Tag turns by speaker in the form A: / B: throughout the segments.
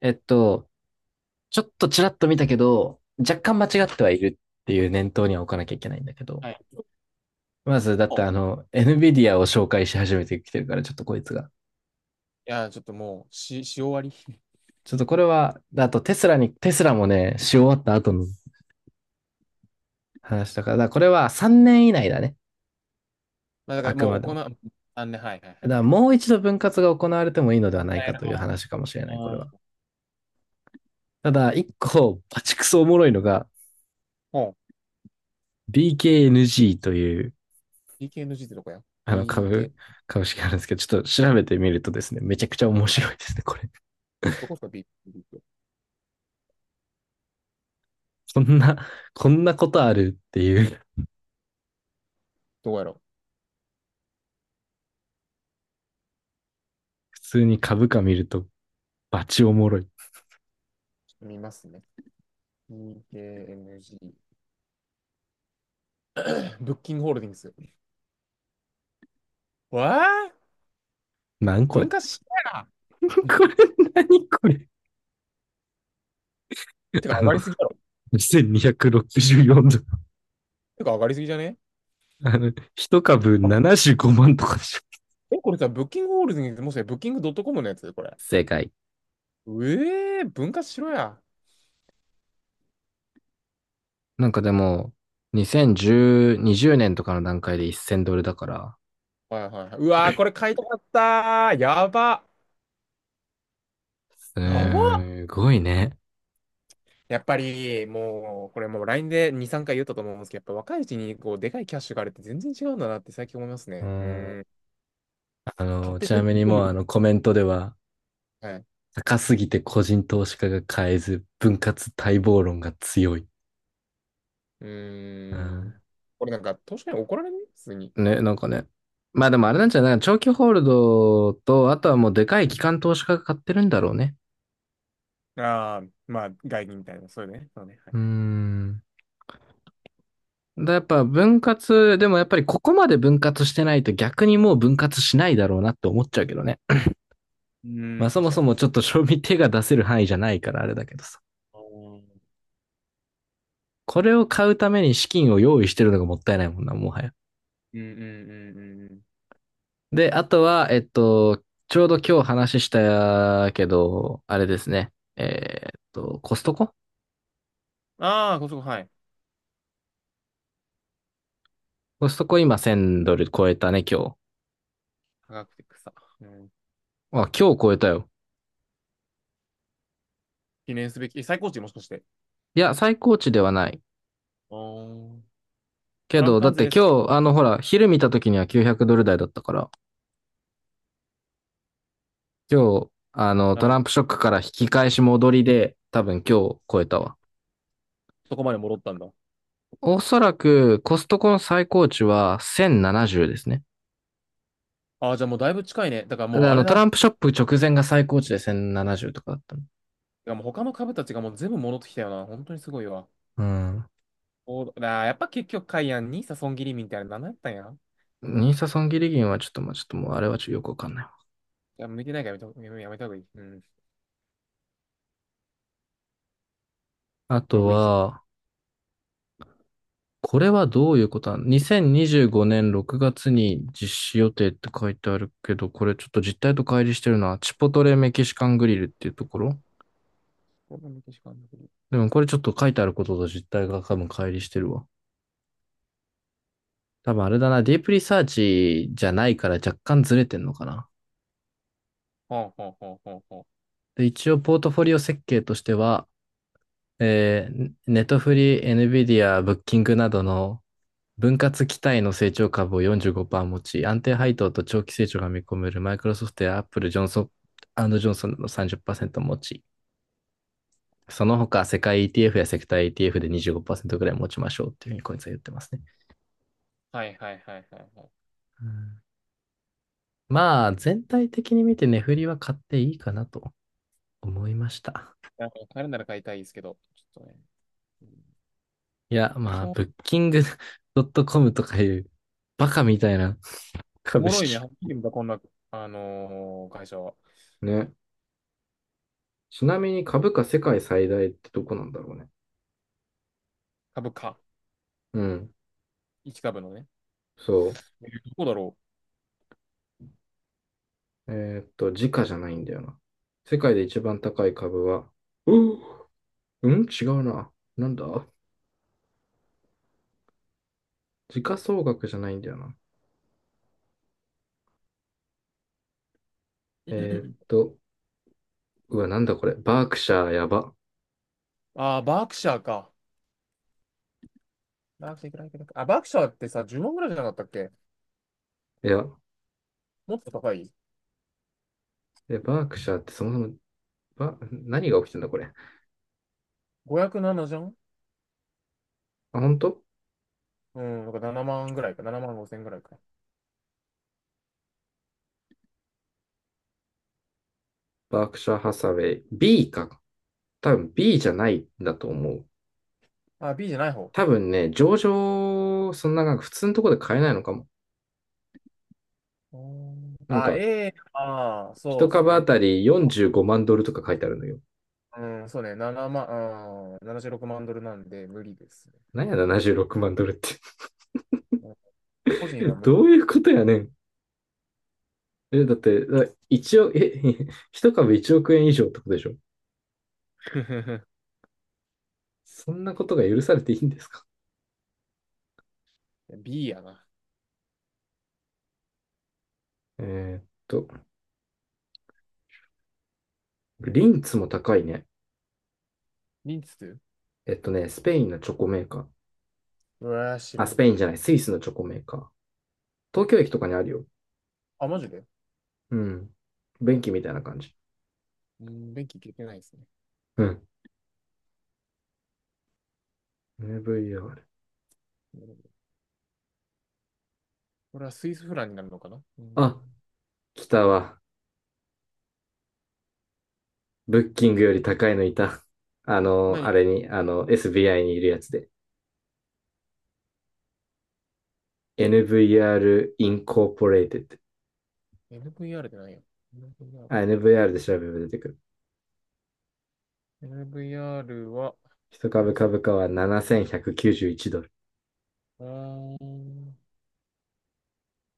A: えっと、ちょっとちらっと見たけど、若干間違ってはいるっていう念頭には置かなきゃいけないんだけど。
B: はい。
A: まず、だっ
B: お
A: て
B: い
A: NVIDIA を紹介し始めてきてるから、ちょっとこいつが。
B: ちょっともう、し終わり。
A: ちょっとこれは、あとテスラに、テスラもね、し終わった後の話だから、だからこれは3年以内だね。
B: まあ、だか
A: あ
B: ら
A: く
B: も
A: ま
B: う
A: で
B: 行
A: も。
B: う、あんね、はいはいは
A: だ
B: い、
A: か
B: オッ
A: ら
B: ケー。
A: もう一度分割が行われてもいいのでは
B: 本
A: な
B: 当
A: い
B: や
A: か
B: る
A: とい
B: か
A: う
B: も。
A: 話かもしれない、これは。
B: うん。
A: ただ、一個、バチクソおもろいのが、
B: ほう。
A: BKNG という、
B: k n g ってどこや？
A: あの、
B: BK、
A: 株、株式あるんですけど、ちょっと調べてみるとですね、めちゃくちゃ面
B: はい、
A: 白いですね、これ。
B: どこですか？ B、k、
A: こんな、こんなことあるっていう、
B: どこやろう。
A: 普通に株価見ると、バチおもろい。
B: ちょっと見ますね。p k n g ブッキングホールディングス。わあ、
A: なんこれ。
B: 文化資 やな。
A: これ、何これ。
B: てか
A: あ
B: 上
A: の、
B: がりすぎだろ。
A: 2264ドル。
B: てか上がりすぎじゃね？
A: 一株
B: あ、
A: 75万とかでしょ。
B: え、これさ、ブッキングホールディングス、もしかしてブッキングドットコムのやつこれ。
A: 正解。
B: うえー、文化しろや。
A: なんかでも、2010、20年とかの段階で1000ドルだから、
B: はいはいはい。うわー、これ買いたかったー。やば。やば。
A: すごいね。
B: やっぱりもう、これもう LINE で2、3回言ったと思うんですけど、やっぱ若いうちにこう、でかいキャッシュがあるって全然違うんだなって最近思います
A: う
B: ね。う
A: ん、
B: ん。買って
A: ち
B: 全
A: なみ
B: 部見
A: に
B: 込
A: も
B: む
A: う
B: と。
A: コメントでは、
B: はい。
A: 高すぎて個人投資家が買えず、分割待望論が強い。
B: う
A: う
B: ん。
A: ん。
B: これなんか、投資家に怒られない普通に。
A: ね、なんかね。まあでもあれなんじゃない長期ホールドと、あとはもうでかい機関投資家が買ってるんだろうね。
B: ああ、まあ、外銀みたいな、そういうね。そうね。は
A: うー
B: い。
A: ん。だやっぱ分割、でもやっぱりここまで分割してないと逆にもう分割しないだろうなって思っちゃうけどね。
B: う
A: まあ
B: ん、
A: そ
B: 確
A: も
B: か
A: そ
B: に。
A: もちょっと賞味手が出せる範囲じゃないからあれだけどさ。
B: あー、
A: これを買うために資金を用意してるのがもったいないもんな、もはや。
B: うんうんうんうんうん。
A: で、あとは、ちょうど今日話したけど、あれですね。
B: ああ、こそこ、はい。
A: コストコ今1000ドル超えたね、今日。
B: 科学的草。うん。
A: あ、今日超えたよ。
B: 記念すべき、え、最高値もしかして。
A: いや、最高値ではない。
B: ああ、プ
A: け
B: ラム
A: ど、だっ
B: 関税
A: て
B: ね。
A: 今日、ほら、昼見た時には900ドル台だったから、今日、
B: な
A: ト
B: るほ
A: ランプ
B: ど。
A: ショックから引き返し戻りで、多分今日超えたわ。
B: そこまで戻ったんだ。
A: おそらく、コストコの最高値は1070ですね。
B: ああ、じゃあもうだいぶ近いね。だから
A: で、
B: もうあれ
A: トラ
B: だ。
A: ンプショップ直前が最高値で1070とかだったの。
B: いや、もう他の株たちがもう全部戻ってきたよな。本当にすごいわ。
A: うん。
B: おー、あー、やっぱ結局、カイアンにさ、損切りみたいな、何やったんや。
A: ニーサ損切り銀はちょっと、まあ、ちょっともうあれはちょっとよくわかんないわ。
B: いや、向いてないからやめた、やめた方がいい。うん。
A: あ
B: ロ
A: と
B: グインして。
A: は、これはどういうことなの ?2025 年6月に実施予定って書いてあるけど、これちょっと実態と乖離してるのは、チポトレメキシカングリルっていうところ
B: こんなメキシコあんだけど。
A: でもこれちょっと書いてあることと実態が多分乖離してるわ。多分あれだな、ディープリサーチじゃないから若干ずれてんのかな。
B: ほうほうほうほうほ
A: で、一応ポートフォリオ設計としては、ネットフリー、NVIDIA、ブッキングなどの分割期待の成長株を45%持ち、安定配当と長期成長が見込めるマイクロソフトやアップル、ジョンソンジョンソンの30%持ち、その他世界 ETF やセクター ETF で25%ぐらい持ちましょうっていうふうにこいつは言ってますね。
B: う。はいはいはいはいはい。
A: うん、まあ、全体的に見て値振りは買っていいかなと思いました。
B: なんか買えるなら買いたいですけど、ちょっとね。うん。
A: いや、まあ、ブ
B: お、
A: ッキング .com とかいうバカみたいな
B: お
A: 株
B: もろいね。は
A: 式。
B: っきり見た、こんな、会社は。
A: ね。ちなみに株価世界最大ってどこなんだろうね。
B: 株価。
A: うん。
B: 1株のね。
A: そう。
B: どこだろ
A: 時価じゃないんだよな。世界で一番高い株は、うーうん違うな。なんだ、時価総額じゃないんだよな。えーっと、うわ、なんだこれ。バークシャーやば。
B: う。ああ、バークシャーか。バークシャー、いくら、いくら、いくら、あ、バークシャーってさ、10万ぐらいじゃなかったっけ？
A: いや、
B: もっと高い？
A: バークシャーってそもそも、何が起きてんだこれ。
B: 507 じゃん。
A: あ、本当
B: うん、なんか7万ぐらいか、7万5千ぐらいか。
A: バークシャーハサウェイ。B か。多分 B じゃないんだと思う。
B: あ、B じゃない方。
A: 多分ね、上場、そんななんか普通のところで買えないのかも。
B: うん、
A: なん
B: あ、
A: か、
B: A、あー、そ
A: 一
B: うです
A: 株あ
B: ね。
A: たり45万ドルとか書いてあるのよ。
B: うん、そうね、7万、うん、76万ドルなんで無理ですね。う
A: なんや
B: ん。
A: 76万ドルって。
B: うん、個人
A: え、
B: は無
A: どういうことやねん。え、だって、だ一応、え、一株1億円以上ってことでしょ？ そんなことが許されていいんですか？
B: B やな。
A: えーっと、リンツも高いね。
B: リンツ、
A: スペインのチョコメーカー。
B: うわ、知ら
A: あ、ス
B: ん。
A: ペインじゃない、スイスのチョコメーカー。東京駅とかにあるよ。
B: あ、マジで？
A: うん。便器みたいな感じ。
B: うん、電気消えてないですね。
A: うん。VR。
B: なるほど。これはスイスフランになるのかな。う
A: あ、
B: ん。
A: 来たわ。ブッキングより高いのいた。あの、
B: 何？
A: あれに、あの、SBI にいるやつで。NVR Incorporated。
B: NVR って何や？ NVR。
A: あ、NVR で調べれば出てくる。
B: NVR は、
A: 一株
B: です、
A: 株価は7191ドル。
B: あー、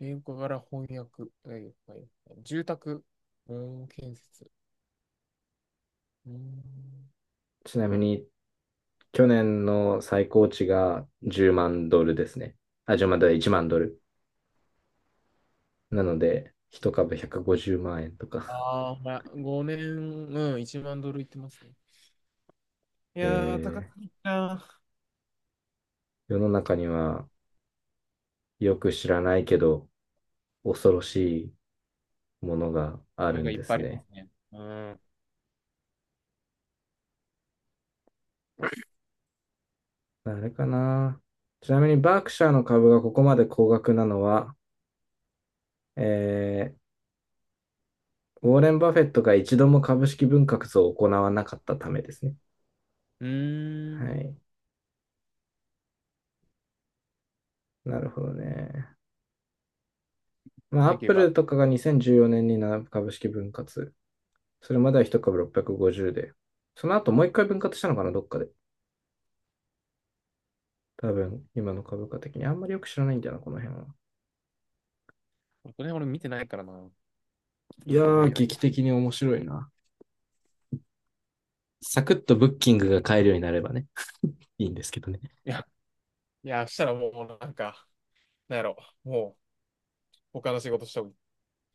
B: 英語科から翻訳、はいはい、住宅、うん、建設。うん、
A: ちなみに、去年の最高値が10万ドルですね。あ、10万ドル、1万ドル。なので、一株150万円とか。
B: あーまあ、5年、うん、1万ドルいってますね。いやー、高
A: え
B: すぎ
A: ー
B: たな。
A: 世の中にはよく知らないけど、恐ろしいものがあ
B: なん
A: る
B: か
A: ん
B: いっ
A: で
B: ぱ
A: す
B: いありま
A: ね。
B: すね。うん。
A: あれかな。ちなみに、バークシャーの株がここまで高額なのは、えーウォーレン・バフェットが一度も株式分割を行わなかったためですね。
B: うー
A: は
B: ん。
A: い。なるほどね。まあ、
B: な
A: ア
B: ん
A: ッ
B: か言え
A: プル
B: ば、
A: とかが2014年になな株式分割。それまでは1株650で。その後もう一回分割したのかな、どっかで。多分、今の株価的に。あんまりよく知らないんだよな、この辺は。
B: これ俺見てないからな。
A: い
B: な
A: や
B: んとも
A: ー、
B: 言えない。
A: 劇的に面白いな。サクッとブッキングが買えるようになればね、いいんですけどね。
B: いや、いや、したらもうなんか、なんやろ、もう他の仕事した方がい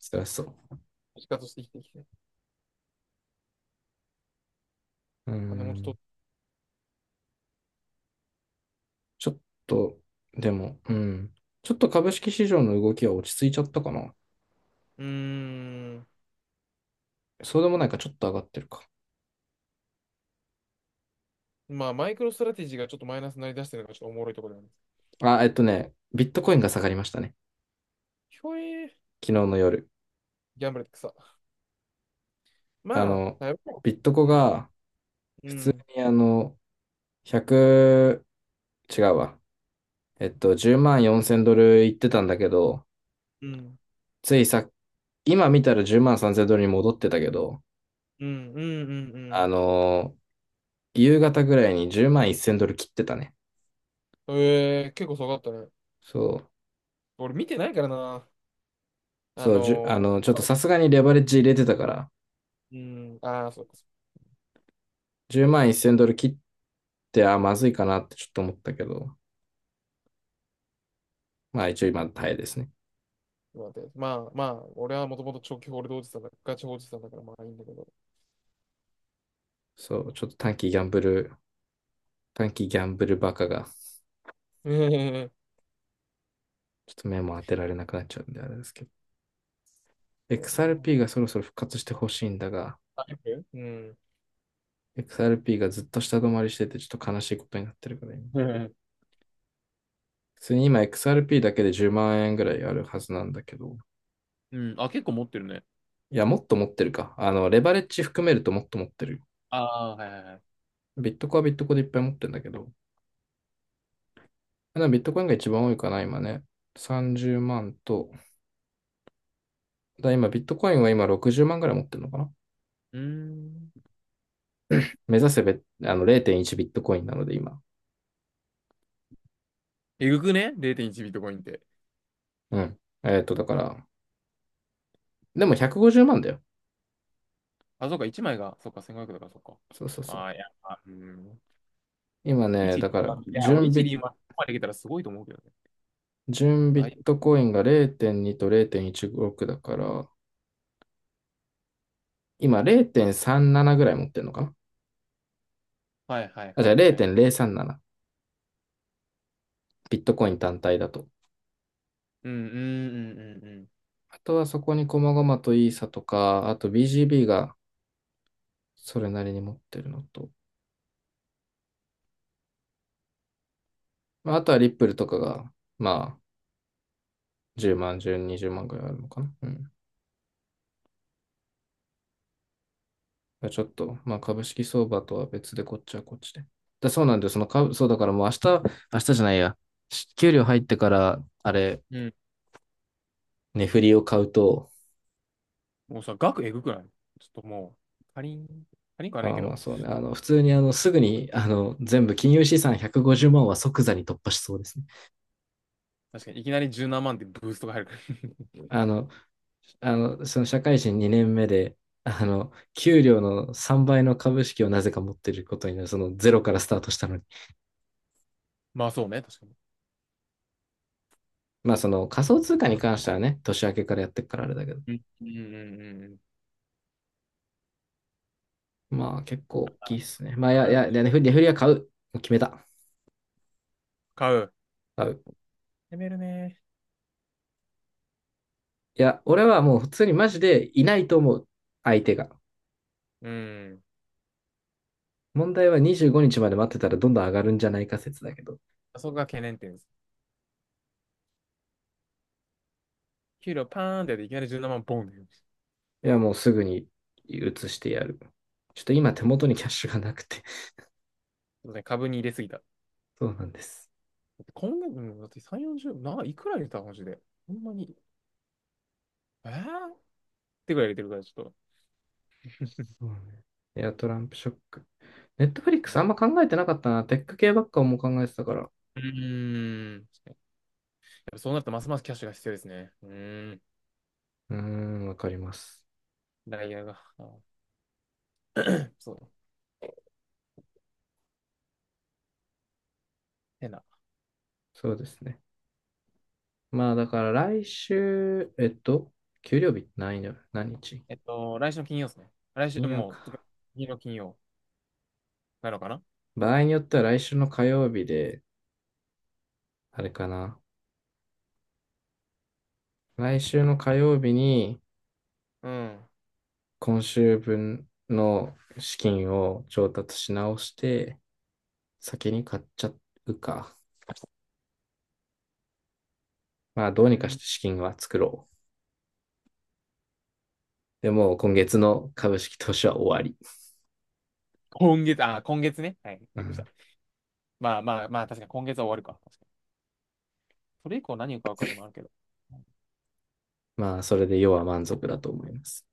A: 辛そう。
B: い。仕方して生きてきて。
A: うー
B: 金も
A: ん。
B: と、
A: ちょっと、でも、うん。ちょっと株式市場の動きは落ち着いちゃったかな。
B: うーん。
A: そうでもないか、ちょっと上がってるか。
B: まあ、マイクロストラテジーがちょっとマイナスになりだしてるのがちょっとおもろいところなんです。
A: あ、ビットコインが下がりましたね。
B: ひょえー、
A: 昨日の夜。
B: ギャンブルって草。
A: あ
B: まあ、
A: の、
B: だいぶ。
A: ビットコ
B: うん、
A: が
B: う
A: 普通
B: ん、
A: に100、違うわ。10万4千ドルいってたんだけど、
B: うん、
A: ついさ、今見たら10万3千ドルに戻ってたけど、
B: うん、うん、う
A: あ
B: ん。
A: の夕方ぐらいに10万1千ドル切ってたね。
B: うん、えー、結構すごかったね。
A: そう、
B: 俺見てないからな。あ
A: そう、じゅ、
B: の
A: あの、ちょっ
B: ー、
A: とさすがにレバレッジ入れてたから、
B: うん、ああ、そうか、そ
A: 10万1千ドル切って、あ、まずいかなってちょっと思ったけど、まあ一応今耐えですね。
B: うか。待って。まあ、まあ、俺はもともと長期ホールドおじさんだ、ガチホールドおじさんだから、まあいいんだけど。
A: そう、ちょっと短期ギャンブル、短期ギャンブルバカが、
B: うん、
A: ちょっと目も当てられなくなっちゃうんであれですけど。
B: そうだな。
A: XRP がそろそろ復活してほしいんだが、
B: あ、見、うん。
A: XRP がずっと下止まりしててちょっと悲しいことになってるから今。普通に今 XRP だけで10万円ぐらいあるはずなんだけど、
B: うん。あ、結構持ってるね。
A: いや、もっと持ってるか。レバレッジ含めるともっと持ってる。
B: ああ、はいはいはい。
A: ビットコはビットコでいっぱい持ってるんだけど、ビットコインが一番多いかな、今ね。30万と、今ビットコインは今60万ぐらい持ってるのかな？
B: うーん。
A: 目指せべ、0.1ビットコインなので今。
B: えぐくね？ 0.1 ビットコインって。
A: うん。だから、でも150万だよ。
B: あ、そうか、1枚が、そうか、1 5 0だから、そうか。
A: そうそうそ
B: ああ、いや、
A: う。
B: まあうん。
A: 今ね、
B: 1、
A: だから、
B: 2番、いや、
A: 準
B: 俺1、
A: 備、
B: 2番までいけたらすごいと思うけどね。
A: 準ビ
B: だ
A: ッ
B: い、
A: トコインが0.2と0.16だから、今0.37ぐらい持ってるのかな？
B: はいはい
A: あ、じ
B: は
A: ゃあ
B: いはい。
A: 0.037。ビットコイ
B: う
A: ン
B: ん
A: 単体だと。
B: うんうんうん
A: あとはそこに細々とイーサとか、あと BGB がそれなりに持ってるのと、まあ、あとはリップルとかが、まあ、10万、10、20万ぐらいあるのかな、うん。まあちょっと、まあ株式相場とは別でこっちはこっちで。そうなんだよ。その株、そうだからもう明日、明日じゃないや。給料入ってから、あれ、
B: うん。うん。
A: 値振りを買うと、
B: もうさ、額えぐくない？ちょっともう、かリン、カリンかはない
A: まあ
B: け
A: まあ
B: ど、
A: そうね、普通にすぐに全部金融資産150万は即座に突破しそうですね。
B: 確かにいきなり十何万ってブーストが入るから。
A: あの、その社会人2年目で、給料の3倍の株式をなぜか持ってることになる、そのゼロからスタートしたのに。
B: まあそうね、確かに。
A: まあその仮想通貨に関してはね、年明けからやってるからあれだけど、
B: うんうんうんうんうん。
A: まあ結構大きいっすね。まあいや、いや、
B: い、
A: 値振りは買う。決めた。
B: 買う。
A: 買う。
B: やめるね。
A: いや、俺はもう普通にマジでいないと思う。相手が。
B: うん。
A: 問題は25日まで待ってたらどんどん上がるんじゃないか説だけど。
B: そこが懸念点です。給料パーンってやっていきなり17万ボンって言う。
A: いや、もうすぐに移してやる。ちょっと今手元にキャッシュがなくて。
B: そうね、株に入れすぎた。だ
A: そうなんです。
B: って今月、うん、だって3、40、な、いくら入れたマジで。ほんまに。えーてくらい入れてるから、ちょっと。
A: そうね。いや、トランプショック。ネットフリックスあんま考えてなかったな。テック系ばっかも考えてたから。
B: うーん。やっぱそうなるとますますキャッシュが必要ですね。うーん。
A: うーん、わかります。
B: ダイヤが。あー、そうだ。変な。
A: そうですね。まあだから来週、給料日何曜、何日、
B: えっと、来週の金曜ですね。来週、
A: 金曜
B: もう、つか
A: か。
B: 次の金曜なのかな。
A: 場合によっては来週の火曜日で、あれかな。来週の火曜日に、
B: うん。
A: 今週分の資金を調達し直して、先に買っちゃうか。まあ、
B: う
A: どうにかし
B: ん。
A: て資金は作ろう。でも、今月の株式投資は終わり。
B: 今月、あ、今月ね。はい。
A: う
B: びっくりした。
A: ん、
B: まあまあまあ、確かに今月は終わるか。確かにそれ以降何を買うかでもあるけど。
A: まあ、それで要は満足だと思います。